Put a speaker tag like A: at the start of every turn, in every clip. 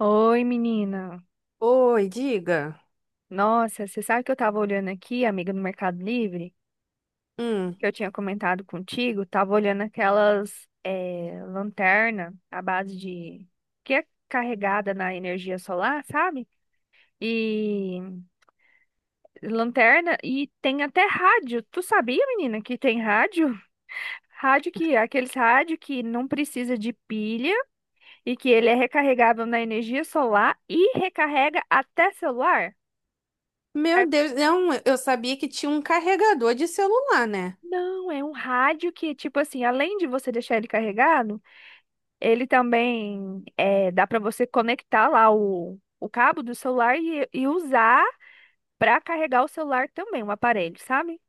A: Oi, menina.
B: Oi, diga.
A: Nossa, você sabe que eu tava olhando aqui, amiga, no Mercado Livre,
B: Hum.
A: que eu tinha comentado contigo, tava olhando aquelas lanterna que é carregada na energia solar, sabe? E lanterna e tem até rádio. Tu sabia, menina, que tem rádio? Rádio que, aqueles rádio que não precisa de pilha e que ele é recarregável na energia solar e recarrega até celular?
B: Meu Deus, não, eu sabia que tinha um carregador de celular, né?
A: Não, é um rádio que, tipo assim, além de você deixar ele carregado, ele também dá para você conectar lá o cabo do celular e usar para carregar o celular também, o aparelho, sabe?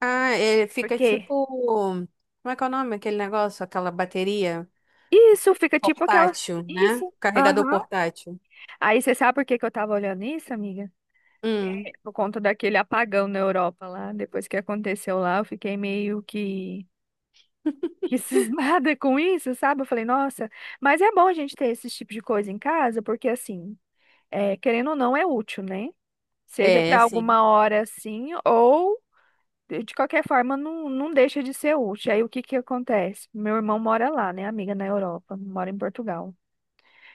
B: Ah, ele fica
A: Porque
B: tipo. Como é que é o nome? Aquele negócio, aquela bateria
A: isso fica tipo aquela.
B: portátil, né?
A: Isso.
B: Carregador
A: Aham.
B: portátil.
A: Aí você sabe por que que eu tava olhando isso, amiga?
B: Hum.
A: É, por conta daquele apagão na Europa lá. Depois que aconteceu lá, eu fiquei meio que cismada com isso, sabe? Eu falei, nossa, mas é bom a gente ter esse tipo de coisa em casa, porque assim, é, querendo ou não, é útil, né? Seja
B: É,
A: para
B: sim.
A: alguma hora assim, ou de qualquer forma, não, não deixa de ser útil. Aí o que que acontece? Meu irmão mora lá, né, amiga, na Europa, mora em Portugal.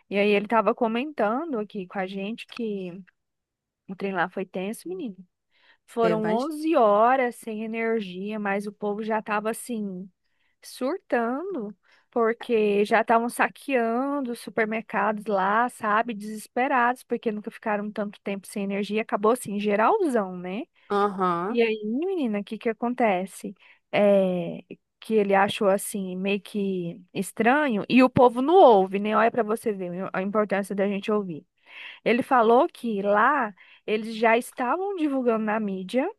A: E aí ele tava comentando aqui com a gente que o trem lá foi tenso, menino.
B: Tem
A: Foram
B: mais?
A: 11 horas sem energia, mas o povo já tava assim, surtando, porque já estavam saqueando os supermercados lá, sabe? Desesperados, porque nunca ficaram tanto tempo sem energia. Acabou assim, geralzão, né?
B: Aham.
A: E aí, menina, o que que acontece? É, que ele achou assim, meio que estranho, e o povo não ouve, né? Olha para você ver a importância da gente ouvir. Ele falou que lá eles já estavam divulgando na mídia,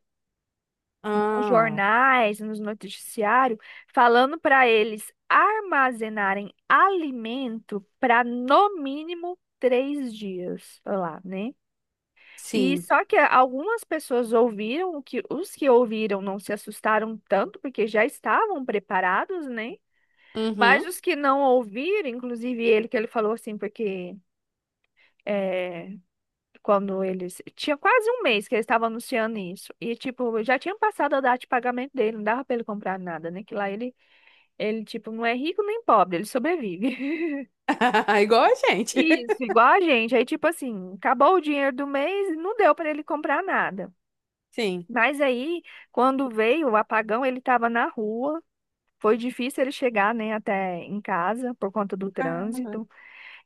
A: nos
B: Ah,
A: jornais, nos noticiários, falando para eles armazenarem alimento para, no mínimo, 3 dias lá, né? E
B: sim.
A: só que algumas pessoas ouviram. O que os que ouviram não se assustaram tanto, porque já estavam preparados, né? Mas
B: Uhum.
A: os que não ouviram, inclusive ele, que ele falou assim, porque, eh, quando eles, tinha quase um mês que eles estavam anunciando isso. E, tipo, já tinha passado a data de pagamento dele, não dava pra ele comprar nada, né? Que lá ele, tipo, não é rico nem pobre, ele sobrevive.
B: Igual a gente.
A: Isso, igual a gente. Aí, tipo assim, acabou o dinheiro do mês e não deu pra ele comprar nada.
B: Sim.
A: Mas aí, quando veio o apagão, ele tava na rua. Foi difícil ele chegar, né, até em casa por conta do
B: Caramba.
A: trânsito.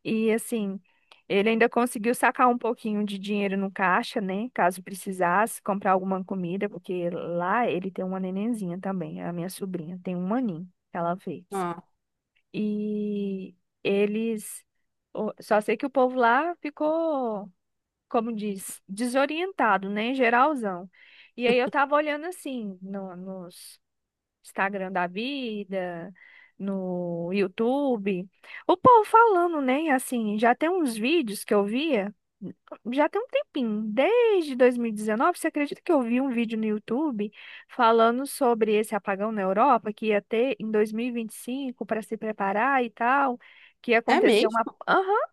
A: E assim, ele ainda conseguiu sacar um pouquinho de dinheiro no caixa, né? Caso precisasse comprar alguma comida, porque lá ele tem uma nenenzinha também, a minha sobrinha, tem um aninho que ela fez.
B: Ah,
A: E eles, só sei que o povo lá ficou, como diz, desorientado, né? Geralzão. E aí eu tava olhando assim, no, nos Instagram da vida, no YouTube. O povo falando, né? Assim, já tem uns vídeos que eu via, já tem um tempinho, desde 2019. Você acredita que eu vi um vídeo no YouTube falando sobre esse apagão na Europa que ia ter em dois mil e vinte e cinco para se preparar e tal? Que ia
B: é
A: acontecer uma.
B: mesmo?
A: Aham.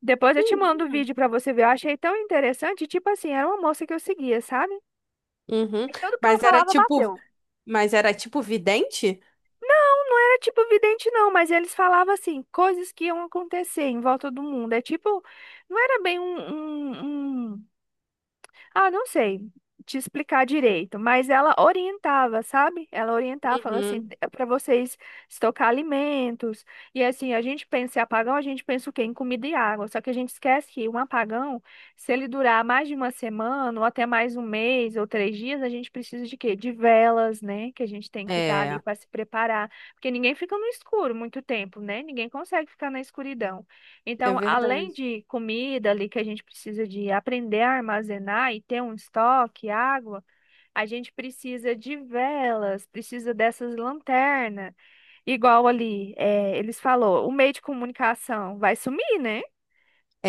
A: Depois eu te mando o
B: Menino.
A: vídeo para você ver. Eu achei tão interessante. Tipo assim, era uma moça que eu seguia, sabe?
B: Uhum.
A: Aí tudo que ela
B: Mas era
A: falava
B: tipo.
A: bateu.
B: Mas era tipo vidente?
A: Era tipo vidente, não, mas eles falavam assim coisas que iam acontecer em volta do mundo. É tipo, não era bem um não sei te explicar direito, mas ela orientava, sabe? Ela orientava, falou
B: Uhum.
A: assim, é para vocês estocar alimentos. E assim, a gente pensa em apagão, a gente pensa o quê? Em comida e água. Só que a gente esquece que um apagão, se ele durar mais de uma semana, ou até mais um mês, ou 3 dias, a gente precisa de quê? De velas, né? Que a gente tem que estar ali
B: É,
A: para se preparar. Porque ninguém fica no escuro muito tempo, né? Ninguém consegue ficar na escuridão.
B: é
A: Então, além
B: verdade.
A: de comida ali que a gente precisa de aprender a armazenar e ter um estoque, água, a gente precisa de velas, precisa dessas lanternas. Igual ali, eles falou, o meio de comunicação vai sumir, né?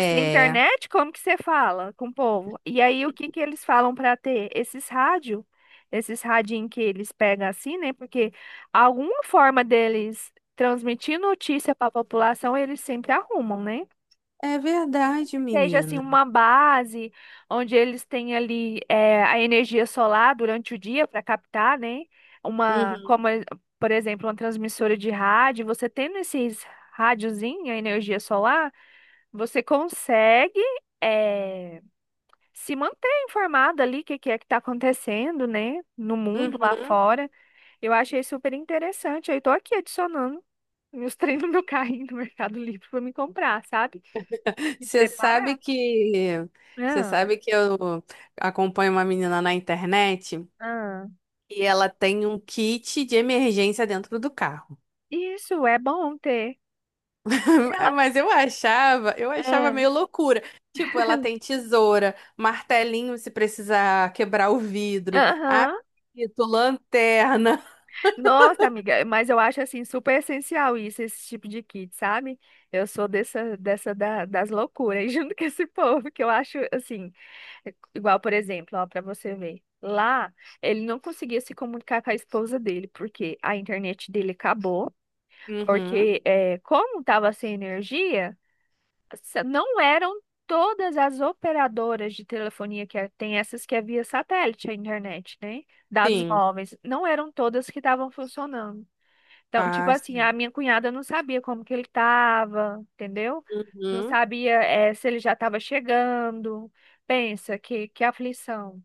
A: Sem internet, como que você fala com o povo? E aí, o que que eles falam para ter? Esses rádio, esses radinho que eles pegam assim, né? Porque alguma forma deles transmitir notícia para a população, eles sempre arrumam, né?
B: é verdade,
A: Seja assim
B: menina.
A: uma base onde eles têm ali, a energia solar durante o dia para captar, né? Uma,
B: Uhum,
A: como, por exemplo, uma transmissora de rádio. Você tendo esses rádiozinho, a energia solar, você consegue eh, se manter informado ali o que, que é que está acontecendo, né? No mundo lá
B: uhum.
A: fora. Eu achei super interessante. Aí estou aqui adicionando meus treinos no meu carrinho no Mercado Livre para me comprar, sabe? Me
B: Você
A: preparar.
B: sabe que você
A: Ah,
B: sabe que eu acompanho uma menina na internet
A: ah.
B: e ela tem um kit de emergência dentro do carro.
A: Isso é bom ter. Ela-
B: Mas eu achava
A: Ah,
B: meio loucura. Tipo, ela tem tesoura, martelinho se precisar quebrar o vidro,
A: aham.
B: apito, lanterna.
A: Nossa, amiga, mas eu acho assim super essencial isso, esse tipo de kit, sabe? Eu sou dessa, das loucuras junto com esse povo, que eu acho assim, igual, por exemplo, ó, para você ver. Lá, ele não conseguia se comunicar com a esposa dele, porque a internet dele acabou,
B: Uhum,
A: porque é, como tava sem energia. Não eram todas as operadoras de telefonia tem essas que é via satélite a internet, né? Dados
B: sim.
A: móveis, não eram todas que estavam funcionando. Então, tipo
B: Ah,
A: assim,
B: sim.
A: a minha cunhada não sabia como que ele estava, entendeu? Não
B: Uhum.
A: sabia, se ele já estava chegando. Pensa que aflição.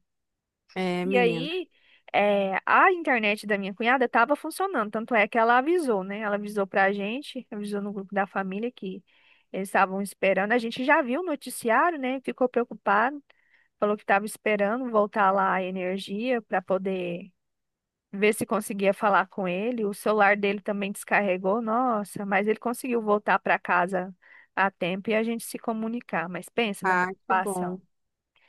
B: É,
A: E
B: menina.
A: aí, a internet da minha cunhada estava funcionando, tanto é que ela avisou, né? Ela avisou para a gente, avisou no grupo da família que eles estavam esperando. A gente já viu o noticiário, né? Ficou preocupado, falou que estava esperando voltar lá a energia para poder ver se conseguia falar com ele. O celular dele também descarregou, nossa, mas ele conseguiu voltar para casa a tempo e a gente se comunicar. Mas pensa na
B: Ah, que bom.
A: preocupação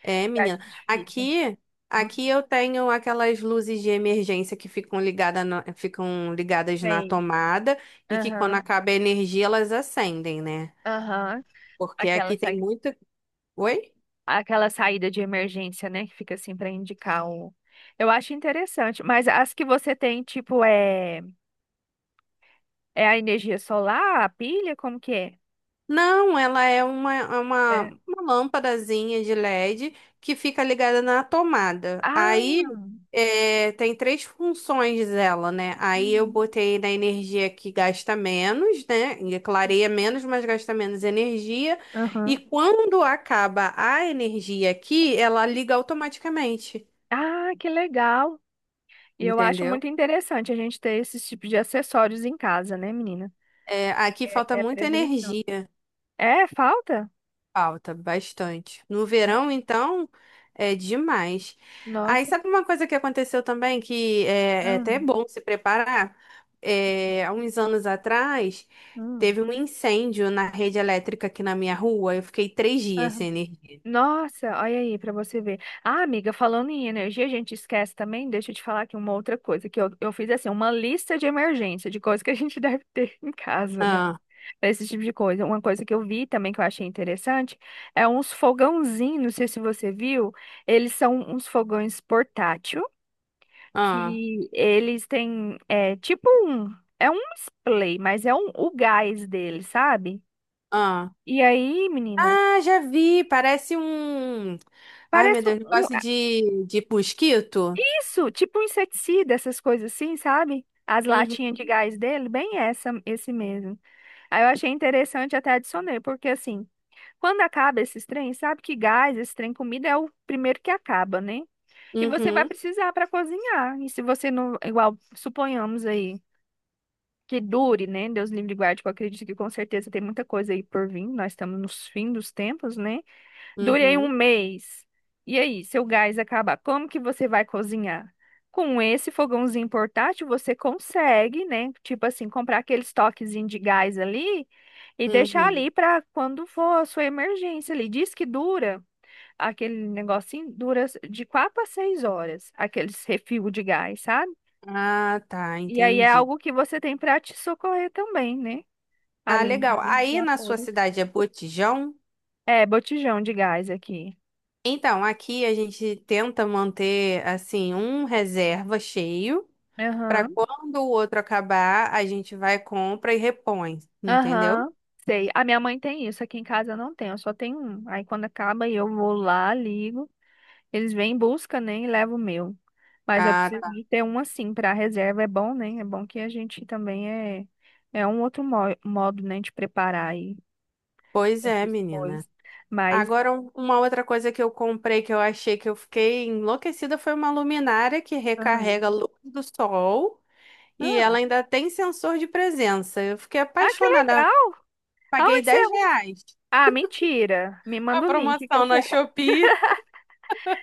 B: É,
A: que a
B: menina.
A: gente fica.
B: Aqui,
A: Não
B: aqui eu tenho aquelas luzes de emergência que ficam ligadas na
A: sei.
B: tomada e que quando
A: Aham,
B: acaba a energia elas acendem, né?
A: aham.
B: Porque
A: Aquela,
B: aqui tem
A: sai-
B: muita. Oi?
A: aquela saída de emergência, né? Que fica assim para indicar o. Eu acho interessante, mas as que você tem, tipo, é, é a energia solar, a pilha, como que é?
B: Não, ela é uma, é uma,
A: É.
B: uma lâmpadazinha de LED que fica ligada na tomada.
A: Ah,
B: Aí é, tem três funções dela, né? Aí eu
A: uhum.
B: botei na energia que gasta menos, né? E clareia menos, mas gasta menos energia. E
A: Aham.
B: quando acaba a energia aqui, ela liga automaticamente,
A: Ah, que legal. E eu acho
B: entendeu?
A: muito interessante a gente ter esses tipos de acessórios em casa, né, menina?
B: É, aqui falta
A: É, é
B: muita
A: prevenção.
B: energia.
A: É, falta?
B: Falta bastante. No
A: É.
B: verão, então, é demais. Aí,
A: Nossa.
B: sabe uma coisa que aconteceu também, que é até
A: Ah,
B: bom se preparar? É, há uns anos atrás,
A: hum.
B: teve um incêndio na rede elétrica aqui na minha rua. Eu fiquei 3 dias sem energia.
A: Nossa, olha aí pra você ver. Ah, amiga, falando em energia, a gente esquece também. Deixa eu te falar aqui uma outra coisa, que eu fiz assim uma lista de emergência, de coisas que a gente deve ter em casa, né?
B: Ah,
A: Pra esse tipo de coisa. Uma coisa que eu vi também que eu achei interessante é uns fogãozinhos, não sei se você viu. Eles são uns fogões portátil,
B: ah,
A: que eles têm, é tipo um, é um display, mas é um, o gás dele, sabe?
B: ah.
A: E aí, menina,
B: Ah, já vi! Parece um. Ai, meu
A: parece
B: Deus,
A: um.
B: negócio de mosquito.
A: Isso, tipo um inseticida, essas coisas assim, sabe? As
B: Uhum,
A: latinhas de gás dele, bem essa, esse mesmo. Aí eu achei interessante, até adicionei, porque assim, quando acaba esses trem, sabe, que gás, esse trem comida é o primeiro que acaba, né? E você vai
B: uhum,
A: precisar para cozinhar. E se você não, igual, suponhamos aí, que dure, né? Deus livre e guarde, que eu acredito que com certeza tem muita coisa aí por vir. Nós estamos nos fins dos tempos, né? Durei um
B: uhum,
A: mês. E aí, seu gás acabar, como que você vai cozinhar? Com esse fogãozinho portátil, você consegue, né? Tipo assim, comprar aqueles toquezinhos de gás ali e deixar ali
B: uhum.
A: para quando for a sua emergência ali. Diz que dura, aquele negocinho dura de 4 a 6 horas, aqueles refil de gás, sabe?
B: Ah, tá,
A: E aí é
B: entendi.
A: algo que você tem para te socorrer também, né?
B: Ah,
A: Ali no
B: legal.
A: momento dos
B: Aí na sua
A: apuros.
B: cidade é Botijão?
A: É, botijão de gás aqui.
B: Então, aqui a gente tenta manter assim um reserva cheio para
A: Aham.
B: quando o outro acabar, a gente vai, compra e repõe, entendeu?
A: Aham, sei. A minha mãe tem isso. Aqui em casa eu não tenho, eu só tenho um. Aí quando acaba eu vou lá, ligo, eles vêm em busca, né, e levam o meu. Mas eu
B: Ah,
A: preciso
B: tá.
A: de ter um assim para reserva, é bom, né? É bom que a gente também é um outro modo, né, de preparar aí
B: Pois é,
A: essas
B: menina.
A: coisas. Mas
B: Agora, uma outra coisa que eu comprei, que eu achei, que eu fiquei enlouquecida, foi uma luminária que
A: ah,
B: recarrega a luz do sol e
A: ah,
B: ela ainda tem sensor de presença. Eu fiquei
A: ah, que
B: apaixonada.
A: legal!
B: Paguei
A: Aonde você
B: 10
A: arruma?
B: reais.
A: Ah, mentira. Me
B: A
A: manda o link que eu
B: promoção na
A: quero.
B: Shopee.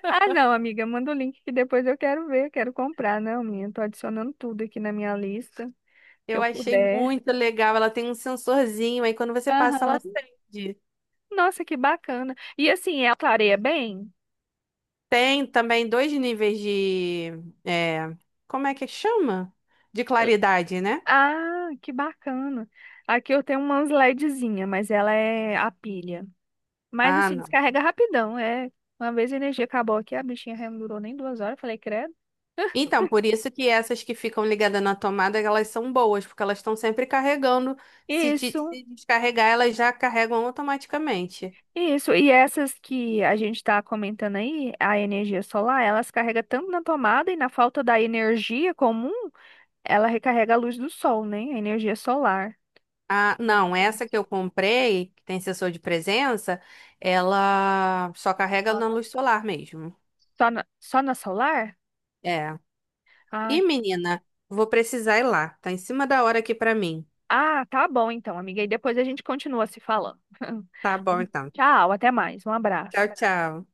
A: Ah, não, amiga, manda o link que depois eu quero ver, quero comprar, não, minha. Tô adicionando tudo aqui na minha lista. Que
B: Eu
A: eu
B: achei
A: puder.
B: muito legal. Ela tem um sensorzinho, aí quando você passa, ela
A: Aham.
B: acende.
A: Nossa, que bacana. E assim, ela clareia bem?
B: Tem também dois níveis de. É, como é que chama? De claridade, né?
A: Ah, que bacana. Aqui eu tenho umas LEDzinha, mas ela é a pilha. Mas
B: Ah,
A: assim,
B: não.
A: descarrega rapidão. É, uma vez a energia acabou aqui, a bichinha já não durou nem 2 horas. Eu falei, credo.
B: Então, por isso que essas que ficam ligadas na tomada, elas são boas, porque elas estão sempre carregando. Se, de-
A: Isso,
B: se descarregar, elas já carregam automaticamente.
A: isso. E essas que a gente tá comentando aí, a energia solar, elas carrega tanto na tomada e na falta da energia comum, ela recarrega a luz do sol, né? A energia solar.
B: Ah,
A: É,
B: não,
A: achei
B: essa
A: massa.
B: que eu comprei, que tem sensor de presença, ela só carrega na luz solar mesmo.
A: Só na Solar?
B: É.
A: Ah,
B: E menina, vou precisar ir lá. Tá em cima da hora aqui pra mim.
A: ah, tá bom então, amiga. E depois a gente continua se falando.
B: Tá bom, então.
A: Tchau, até mais. Um abraço.
B: Tchau, tchau.